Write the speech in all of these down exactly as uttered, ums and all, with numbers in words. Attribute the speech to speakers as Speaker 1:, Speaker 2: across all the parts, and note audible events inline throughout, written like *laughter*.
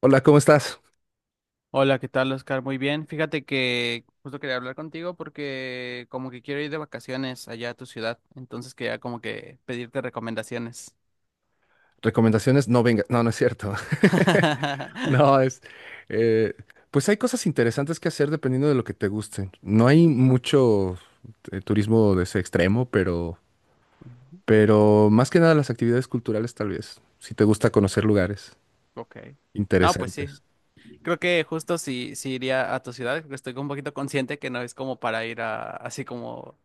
Speaker 1: Hola, ¿cómo estás?
Speaker 2: Hola, ¿qué tal, Oscar? Muy bien. Fíjate que justo quería hablar contigo porque como que quiero ir de vacaciones allá a tu ciudad, entonces quería como que pedirte recomendaciones.
Speaker 1: Recomendaciones, no venga, no, no es cierto. *laughs*
Speaker 2: *laughs*
Speaker 1: No, es, eh, pues hay cosas interesantes que hacer dependiendo de lo que te guste. No hay mucho eh, turismo de ese extremo, pero,
Speaker 2: Ujú.
Speaker 1: pero más que nada las actividades culturales tal vez, si te gusta conocer lugares
Speaker 2: Ok. No, pues sí.
Speaker 1: interesantes.
Speaker 2: Creo que justo si, si iría a tu ciudad, porque estoy un poquito consciente que no es como para ir a así como,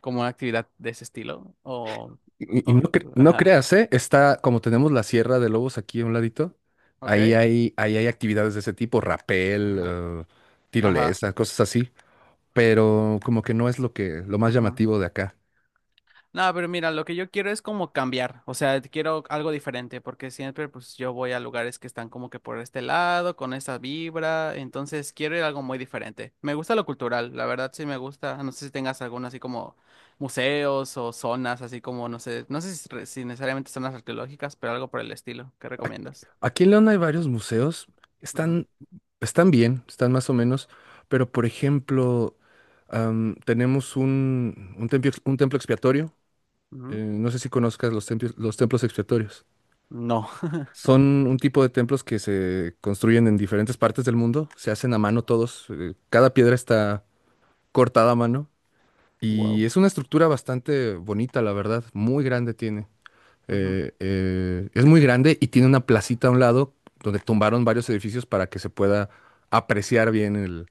Speaker 2: como una actividad de ese estilo. O,
Speaker 1: Y, y no,
Speaker 2: o
Speaker 1: cre- no
Speaker 2: ajá.
Speaker 1: creas, ¿eh? Está, como tenemos la Sierra de Lobos aquí a un ladito, ahí
Speaker 2: Ok.
Speaker 1: hay, ahí hay actividades de ese tipo, rapel,
Speaker 2: Ajá.
Speaker 1: eh,
Speaker 2: Ajá.
Speaker 1: tirolesa, cosas así, pero como que no es lo que, lo más
Speaker 2: Ajá.
Speaker 1: llamativo de acá.
Speaker 2: No, pero mira, lo que yo quiero es como cambiar, o sea, quiero algo diferente, porque siempre pues yo voy a lugares que están como que por este lado, con esta vibra, entonces quiero ir a algo muy diferente. Me gusta lo cultural, la verdad sí me gusta, no sé si tengas algún así como museos o zonas, así como, no sé, no sé si, re- si necesariamente zonas arqueológicas, pero algo por el estilo, ¿qué
Speaker 1: Ac-
Speaker 2: recomiendas?
Speaker 1: Aquí en León hay varios museos,
Speaker 2: Ujú,
Speaker 1: están, están bien, están más o menos, pero por ejemplo, am, tenemos un, un templo, ex- un templo expiatorio, eh,
Speaker 2: ujú.
Speaker 1: no sé si conozcas los templos, los templos expiatorios.
Speaker 2: No. *laughs*
Speaker 1: Son un tipo de templos que se construyen en diferentes partes del mundo, se hacen a mano todos, eh, cada piedra está cortada a mano
Speaker 2: Wow.
Speaker 1: y es una estructura bastante bonita, la verdad, muy grande tiene.
Speaker 2: Ujú,
Speaker 1: Eh, eh, es muy grande y tiene una placita a un lado donde tumbaron varios edificios para que se pueda apreciar bien el-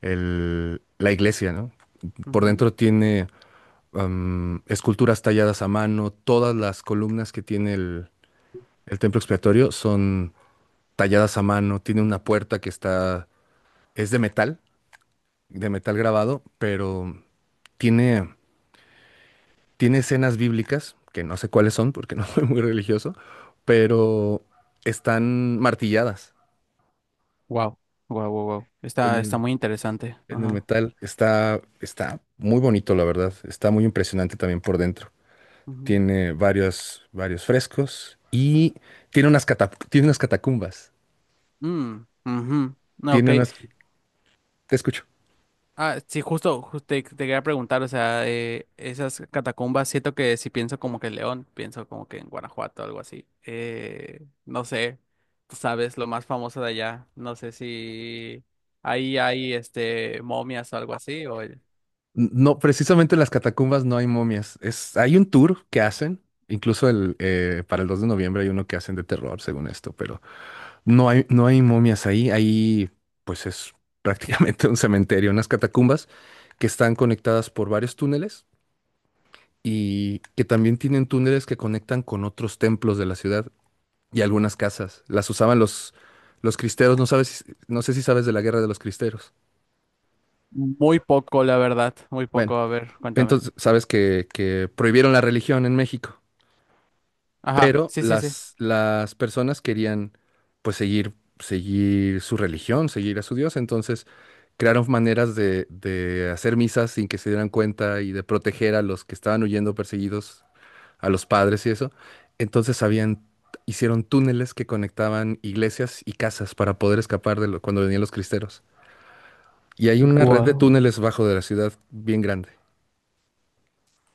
Speaker 1: el- la iglesia, ¿no? Por
Speaker 2: ujú.
Speaker 1: dentro tiene am, esculturas talladas a mano, todas las columnas que tiene el, el templo expiatorio son talladas a mano, tiene una puerta que está, es de metal, de metal grabado, pero tiene Tiene escenas bíblicas, que no sé cuáles son porque no *laughs* soy muy religioso, pero están martilladas
Speaker 2: Wow. Wow, wow, wow.
Speaker 1: en
Speaker 2: Está, está
Speaker 1: el,
Speaker 2: muy interesante.
Speaker 1: en el
Speaker 2: Ajá.
Speaker 1: metal. Está, está muy bonito, la verdad. Está muy impresionante también por dentro.
Speaker 2: Ujú.
Speaker 1: Tiene varios, varios frescos y tiene unas, cata- tiene unas catacumbas.
Speaker 2: Mm, ujú. No, ok.
Speaker 1: Tiene unas... Te escucho.
Speaker 2: Ah, sí, justo, justo te, te quería preguntar, o sea, eh, esas catacumbas, siento que si pienso como que en León, pienso como que en Guanajuato o algo así. Eh, no sé, tú sabes, lo más famoso de allá, no sé si ahí hay este momias o algo así, o
Speaker 1: No, precisamente en las catacumbas no hay momias. Es, hay un tour que hacen, incluso el, eh, para el dos de noviembre hay uno que hacen de terror, según esto, pero No hay, no hay momias ahí, ahí pues es *laughs* prácticamente un cementerio, unas catacumbas que están conectadas por varios túneles y que también tienen túneles que conectan con otros templos de la ciudad y algunas casas. Las usaban los, los cristeros, no sabes, si- no sé si sabes de la guerra de los cristeros.
Speaker 2: muy poco, la verdad, muy
Speaker 1: Bueno,
Speaker 2: poco, a ver, cuéntame.
Speaker 1: entonces sabes que, que prohibieron la religión en México.
Speaker 2: Ajá,
Speaker 1: Pero
Speaker 2: sí, sí, sí.
Speaker 1: las, las personas querían pues seguir, seguir su religión, seguir a su Dios, entonces crearon maneras de, de hacer misas sin que se dieran cuenta y de proteger a los que estaban huyendo perseguidos, a los padres y eso. Entonces habían, hicieron túneles que conectaban iglesias y casas para poder escapar de lo- cuando venían los cristeros. Y hay una red de
Speaker 2: Guau.
Speaker 1: túneles bajo de la ciudad bien grande.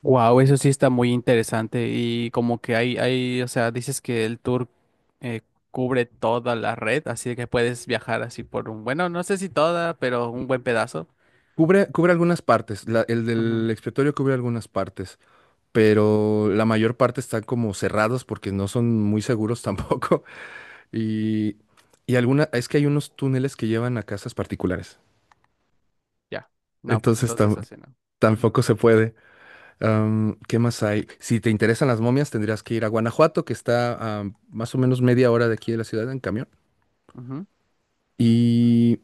Speaker 2: Wow, eso sí está muy interesante y como que hay, hay, o sea, dices que el tour eh, cubre toda la red, así que puedes viajar así por un, bueno, no sé si toda, pero un buen pedazo.
Speaker 1: Cubre, cubre algunas partes. La- el del
Speaker 2: Ujú.
Speaker 1: expiatorio cubre algunas partes. Pero la mayor parte están como cerrados porque no son muy seguros tampoco. *laughs* Y, y alguna, es que hay unos túneles que llevan a casas particulares.
Speaker 2: Ya. No, pues
Speaker 1: Entonces
Speaker 2: entonces
Speaker 1: tam-
Speaker 2: así no. Ujú,
Speaker 1: Tampoco se puede. Am, ¿qué más hay? Si te interesan las momias, tendrías que ir a Guanajuato, que está a más o menos media hora de aquí de la ciudad en camión.
Speaker 2: ujú.
Speaker 1: Y,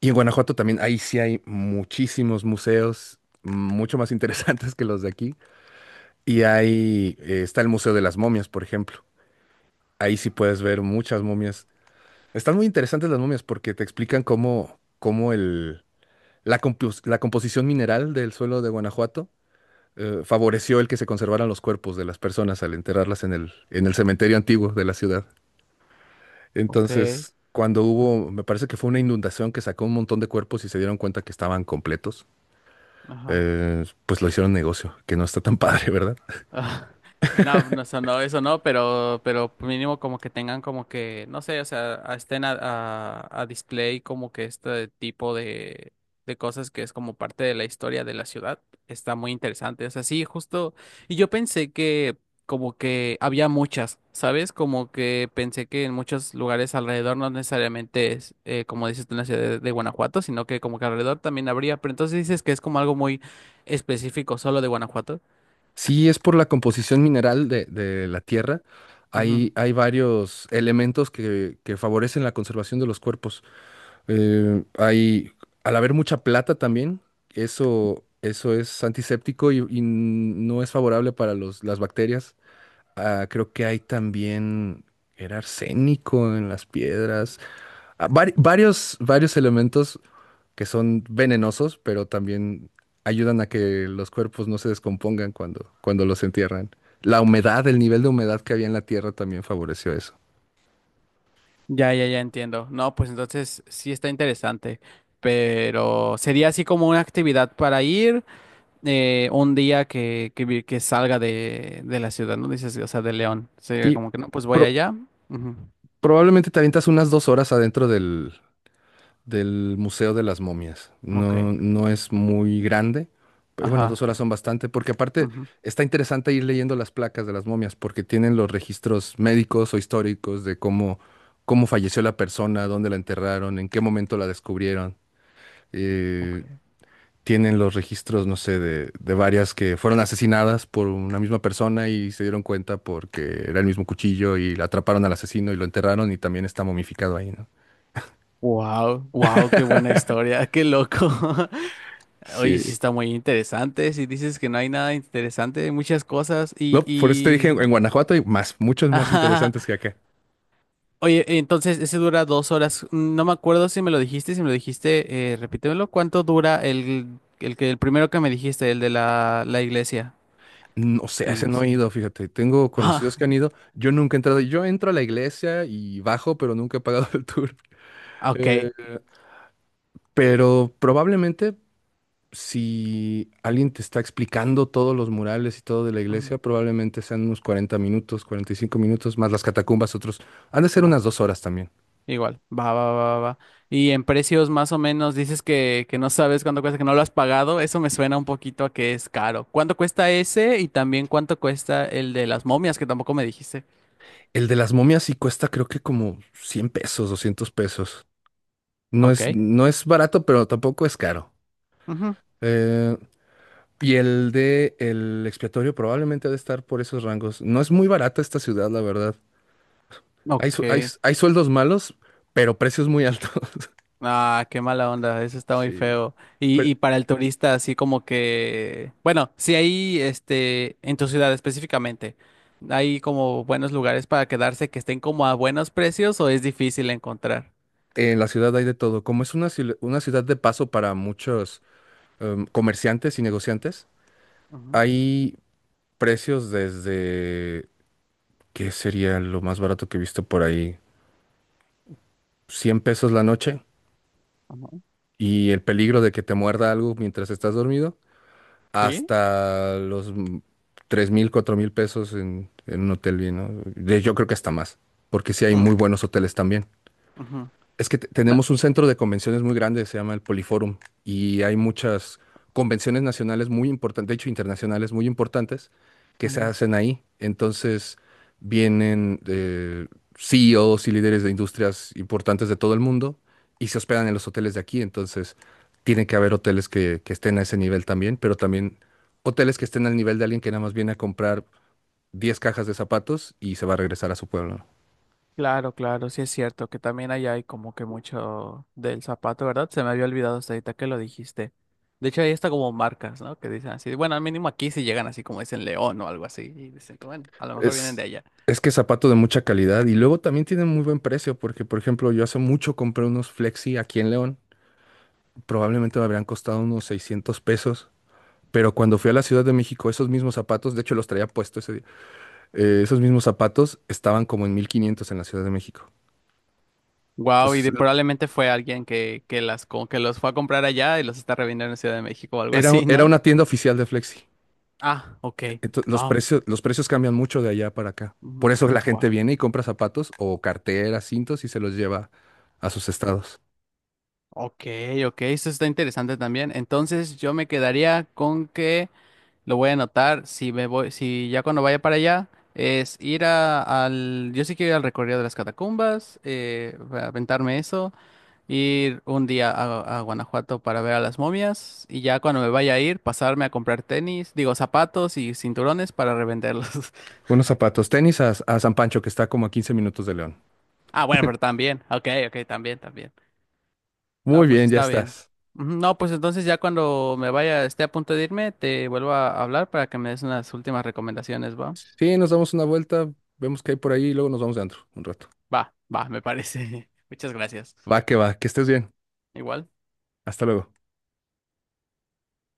Speaker 1: y en Guanajuato también, ahí sí hay muchísimos museos, mucho más *laughs* interesantes que los de aquí. Y ahí eh, está el Museo de las Momias, por ejemplo. Ahí sí puedes ver muchas momias. Están muy interesantes las momias porque te explican cómo, cómo el, la, compos- la composición mineral del suelo de Guanajuato eh, favoreció el que se conservaran los cuerpos de las personas al enterrarlas en el, en el cementerio antiguo de la ciudad.
Speaker 2: Ok.
Speaker 1: Entonces, cuando
Speaker 2: Ah,
Speaker 1: hubo, me parece que fue una inundación que sacó un montón de cuerpos y se dieron cuenta que estaban completos,
Speaker 2: ajá.
Speaker 1: eh, pues lo hicieron negocio, que no está tan *laughs* padre, ¿verdad?
Speaker 2: Ah, *laughs* No, no, eso no, eso no, pero, pero mínimo como que tengan como que, no sé, o sea, a- estén a, a, a display como que este tipo de, de cosas que es como parte de la historia de la ciudad. Está muy interesante. O sea, sí, justo. Y yo pensé que como que había muchas, ¿sabes? Como que pensé que en muchos lugares alrededor no necesariamente es, eh, como dices tú, en la ciudad de, de Guanajuato, sino que como que alrededor también habría. Pero entonces dices que es como algo muy específico solo de Guanajuato.
Speaker 1: Sí, es por la composición mineral de, de la tierra. Hay, hay varios elementos que, que favorecen la conservación de los cuerpos. Eh, hay, al haber mucha plata también, eso, eso es antiséptico y, y no es favorable para los, las bacterias. Ah, creo que hay también, era arsénico en las piedras. Ah, vari- varios, varios elementos que son venenosos, pero también ayudan a que los cuerpos no se descompongan cuando, cuando los entierran. La humedad, el nivel de humedad que había en la tierra también favoreció eso.
Speaker 2: Ya, ya, ya entiendo. No, pues entonces sí está interesante, pero sería así como una actividad para ir eh, un día que, que, vi- que salga de, de la ciudad, ¿no? Dices, o sea, de León. Sería
Speaker 1: Sí,
Speaker 2: como que no, pues voy
Speaker 1: pro-
Speaker 2: allá. Ujú.
Speaker 1: probablemente te avientas unas dos horas adentro del, del Museo de las Momias.
Speaker 2: Ok.
Speaker 1: No, no es muy grande, pero bueno, dos
Speaker 2: Ajá.
Speaker 1: horas son bastante, porque aparte
Speaker 2: Ujú.
Speaker 1: está interesante ir leyendo las placas de las momias, porque tienen los registros médicos o históricos de cómo, cómo falleció la persona, dónde la enterraron, en qué momento la descubrieron.
Speaker 2: Ok.
Speaker 1: Eh, tienen los registros, no sé, de, de varias que fueron asesinadas por una misma persona y se dieron cuenta porque era el mismo cuchillo y la atraparon al asesino y lo enterraron y también está momificado ahí, ¿no?
Speaker 2: Wow, wow, qué buena historia, qué loco. *laughs* Oye, sí
Speaker 1: Sí.
Speaker 2: está muy interesante. Si dices que no hay nada interesante, hay muchas cosas
Speaker 1: No,
Speaker 2: y,
Speaker 1: por eso te dije en, en
Speaker 2: y...
Speaker 1: Guanajuato hay más, muchos más interesantes
Speaker 2: *laughs*
Speaker 1: que acá.
Speaker 2: Oye, entonces ese dura dos horas. No me acuerdo si me lo dijiste, si me lo dijiste, eh, repítemelo. ¿Cuánto dura el, el que el primero que me dijiste, el de la, la iglesia?
Speaker 1: No sé, a
Speaker 2: El-
Speaker 1: ese no
Speaker 2: los-
Speaker 1: he ido, fíjate. Tengo conocidos que han
Speaker 2: *laughs*
Speaker 1: ido. Yo nunca he entrado. Yo entro a la iglesia y bajo, pero nunca he pagado *laughs* el tour.
Speaker 2: Ah, ok.
Speaker 1: Eh, pero probablemente si alguien te está explicando todos los murales y todo de la
Speaker 2: Ujú.
Speaker 1: iglesia, probablemente sean unos cuarenta minutos, cuarenta y cinco minutos, más las catacumbas, otros. Han de ser
Speaker 2: Va,
Speaker 1: unas dos horas también.
Speaker 2: igual. Va, va, va, va. va. Y en precios más o menos dices que, que no sabes cuánto cuesta, que no lo has pagado. Eso me suena un poquito a que es caro. ¿Cuánto cuesta ese? Y también cuánto cuesta el de las momias, que tampoco me dijiste.
Speaker 1: El de las momias sí cuesta creo que como cien pesos, doscientos pesos. No es,
Speaker 2: Ok.
Speaker 1: no es barato, pero tampoco es caro.
Speaker 2: Ujú.
Speaker 1: Eh, Y el de el expiatorio probablemente ha de estar por esos rangos. No es muy barata esta ciudad, la verdad. Hay, su- hay,
Speaker 2: Ok.
Speaker 1: hay sueldos malos, pero precios muy altos. *laughs*
Speaker 2: Ah, qué mala onda, eso está muy
Speaker 1: Sí.
Speaker 2: feo. Y,
Speaker 1: Pero
Speaker 2: y para el turista, así como que, bueno, si hay, este, en tu ciudad específicamente, ¿hay como buenos lugares para quedarse que estén como a buenos precios o es difícil encontrar?
Speaker 1: en la ciudad hay de todo. Como es una, ciu- una ciudad de paso para muchos em, comerciantes y negociantes,
Speaker 2: Ujú,
Speaker 1: hay precios desde, ¿qué sería lo más barato que he visto por ahí? Cien pesos la noche
Speaker 2: ujú.
Speaker 1: y el peligro de que te muerda algo mientras estás dormido,
Speaker 2: ¿Sí?
Speaker 1: hasta los tres mil, cuatro mil pesos en, en un hotel bien, ¿no? De- Yo creo que hasta más, porque sí hay
Speaker 2: Mm,
Speaker 1: muy buenos hoteles también.
Speaker 2: ujú.
Speaker 1: Es que te- tenemos un centro de convenciones muy grande, se llama el Poliforum, y hay muchas convenciones nacionales muy importantes, de hecho internacionales muy importantes, que se
Speaker 2: No.
Speaker 1: hacen ahí. Entonces vienen eh, C E Os y líderes de industrias importantes de todo el mundo y se hospedan en los hoteles de aquí. Entonces tiene que haber hoteles que, que estén a ese nivel también, pero también hoteles que estén al nivel de alguien que nada más viene a comprar diez cajas de zapatos y se va a regresar a su pueblo.
Speaker 2: Claro, claro, sí es cierto que también allá hay como que mucho del zapato, ¿verdad? Se me había olvidado hasta ahorita que lo dijiste. De hecho, ahí está como marcas, ¿no? Que dicen así, bueno, al mínimo aquí sí llegan así como dicen León o algo así, y dicen, que, bueno, a lo mejor vienen de
Speaker 1: Es,
Speaker 2: allá.
Speaker 1: es que es zapato de mucha calidad y luego también tiene muy buen precio porque, por ejemplo, yo hace mucho compré unos Flexi aquí en León. Probablemente me habrían costado unos seiscientos pesos, pero cuando fui a la Ciudad de México, esos mismos zapatos, de hecho los traía puesto ese día, eh, esos mismos zapatos estaban como en mil quinientos en la Ciudad de México.
Speaker 2: Wow, y de-
Speaker 1: Entonces,
Speaker 2: probablemente fue alguien que, que las como que los fue a comprar allá y los está revendiendo en Ciudad de México o algo
Speaker 1: era, un-
Speaker 2: así,
Speaker 1: era
Speaker 2: ¿no?
Speaker 1: una tienda oficial de Flexi.
Speaker 2: Ah, ok.
Speaker 1: Entonces, los
Speaker 2: No.
Speaker 1: precios, los precios cambian mucho de allá para acá. Por eso la gente
Speaker 2: Wow.
Speaker 1: viene y compra zapatos o carteras, cintos y se los lleva a sus estados.
Speaker 2: Ok, ok. Eso está interesante también. Entonces yo me quedaría con que lo voy a anotar. Si me voy, si ya cuando vaya para allá, es ir a- al. Yo sí quiero ir al recorrido de las catacumbas, eh, a aventarme eso, ir un día a, a Guanajuato para ver a las momias. Y ya cuando me vaya a ir, pasarme a comprar tenis, digo zapatos y cinturones para revenderlos. *laughs*
Speaker 1: Unos zapatos, tenis a, a San Pancho, que está como a quince minutos de León.
Speaker 2: Ah, bueno, pero también. Ok, ok, también, también.
Speaker 1: Muy
Speaker 2: No, pues
Speaker 1: bien, ya
Speaker 2: está bien.
Speaker 1: estás.
Speaker 2: Ujú. No, pues entonces ya cuando me vaya, esté a punto de irme, te vuelvo a hablar para que me des unas últimas recomendaciones, ¿va?
Speaker 1: Sí, nos damos una vuelta, vemos qué hay por ahí y luego nos vamos de antro un rato.
Speaker 2: Va, va, me parece. *laughs* Muchas gracias.
Speaker 1: Va que va, que estés bien.
Speaker 2: Igual.
Speaker 1: Hasta luego.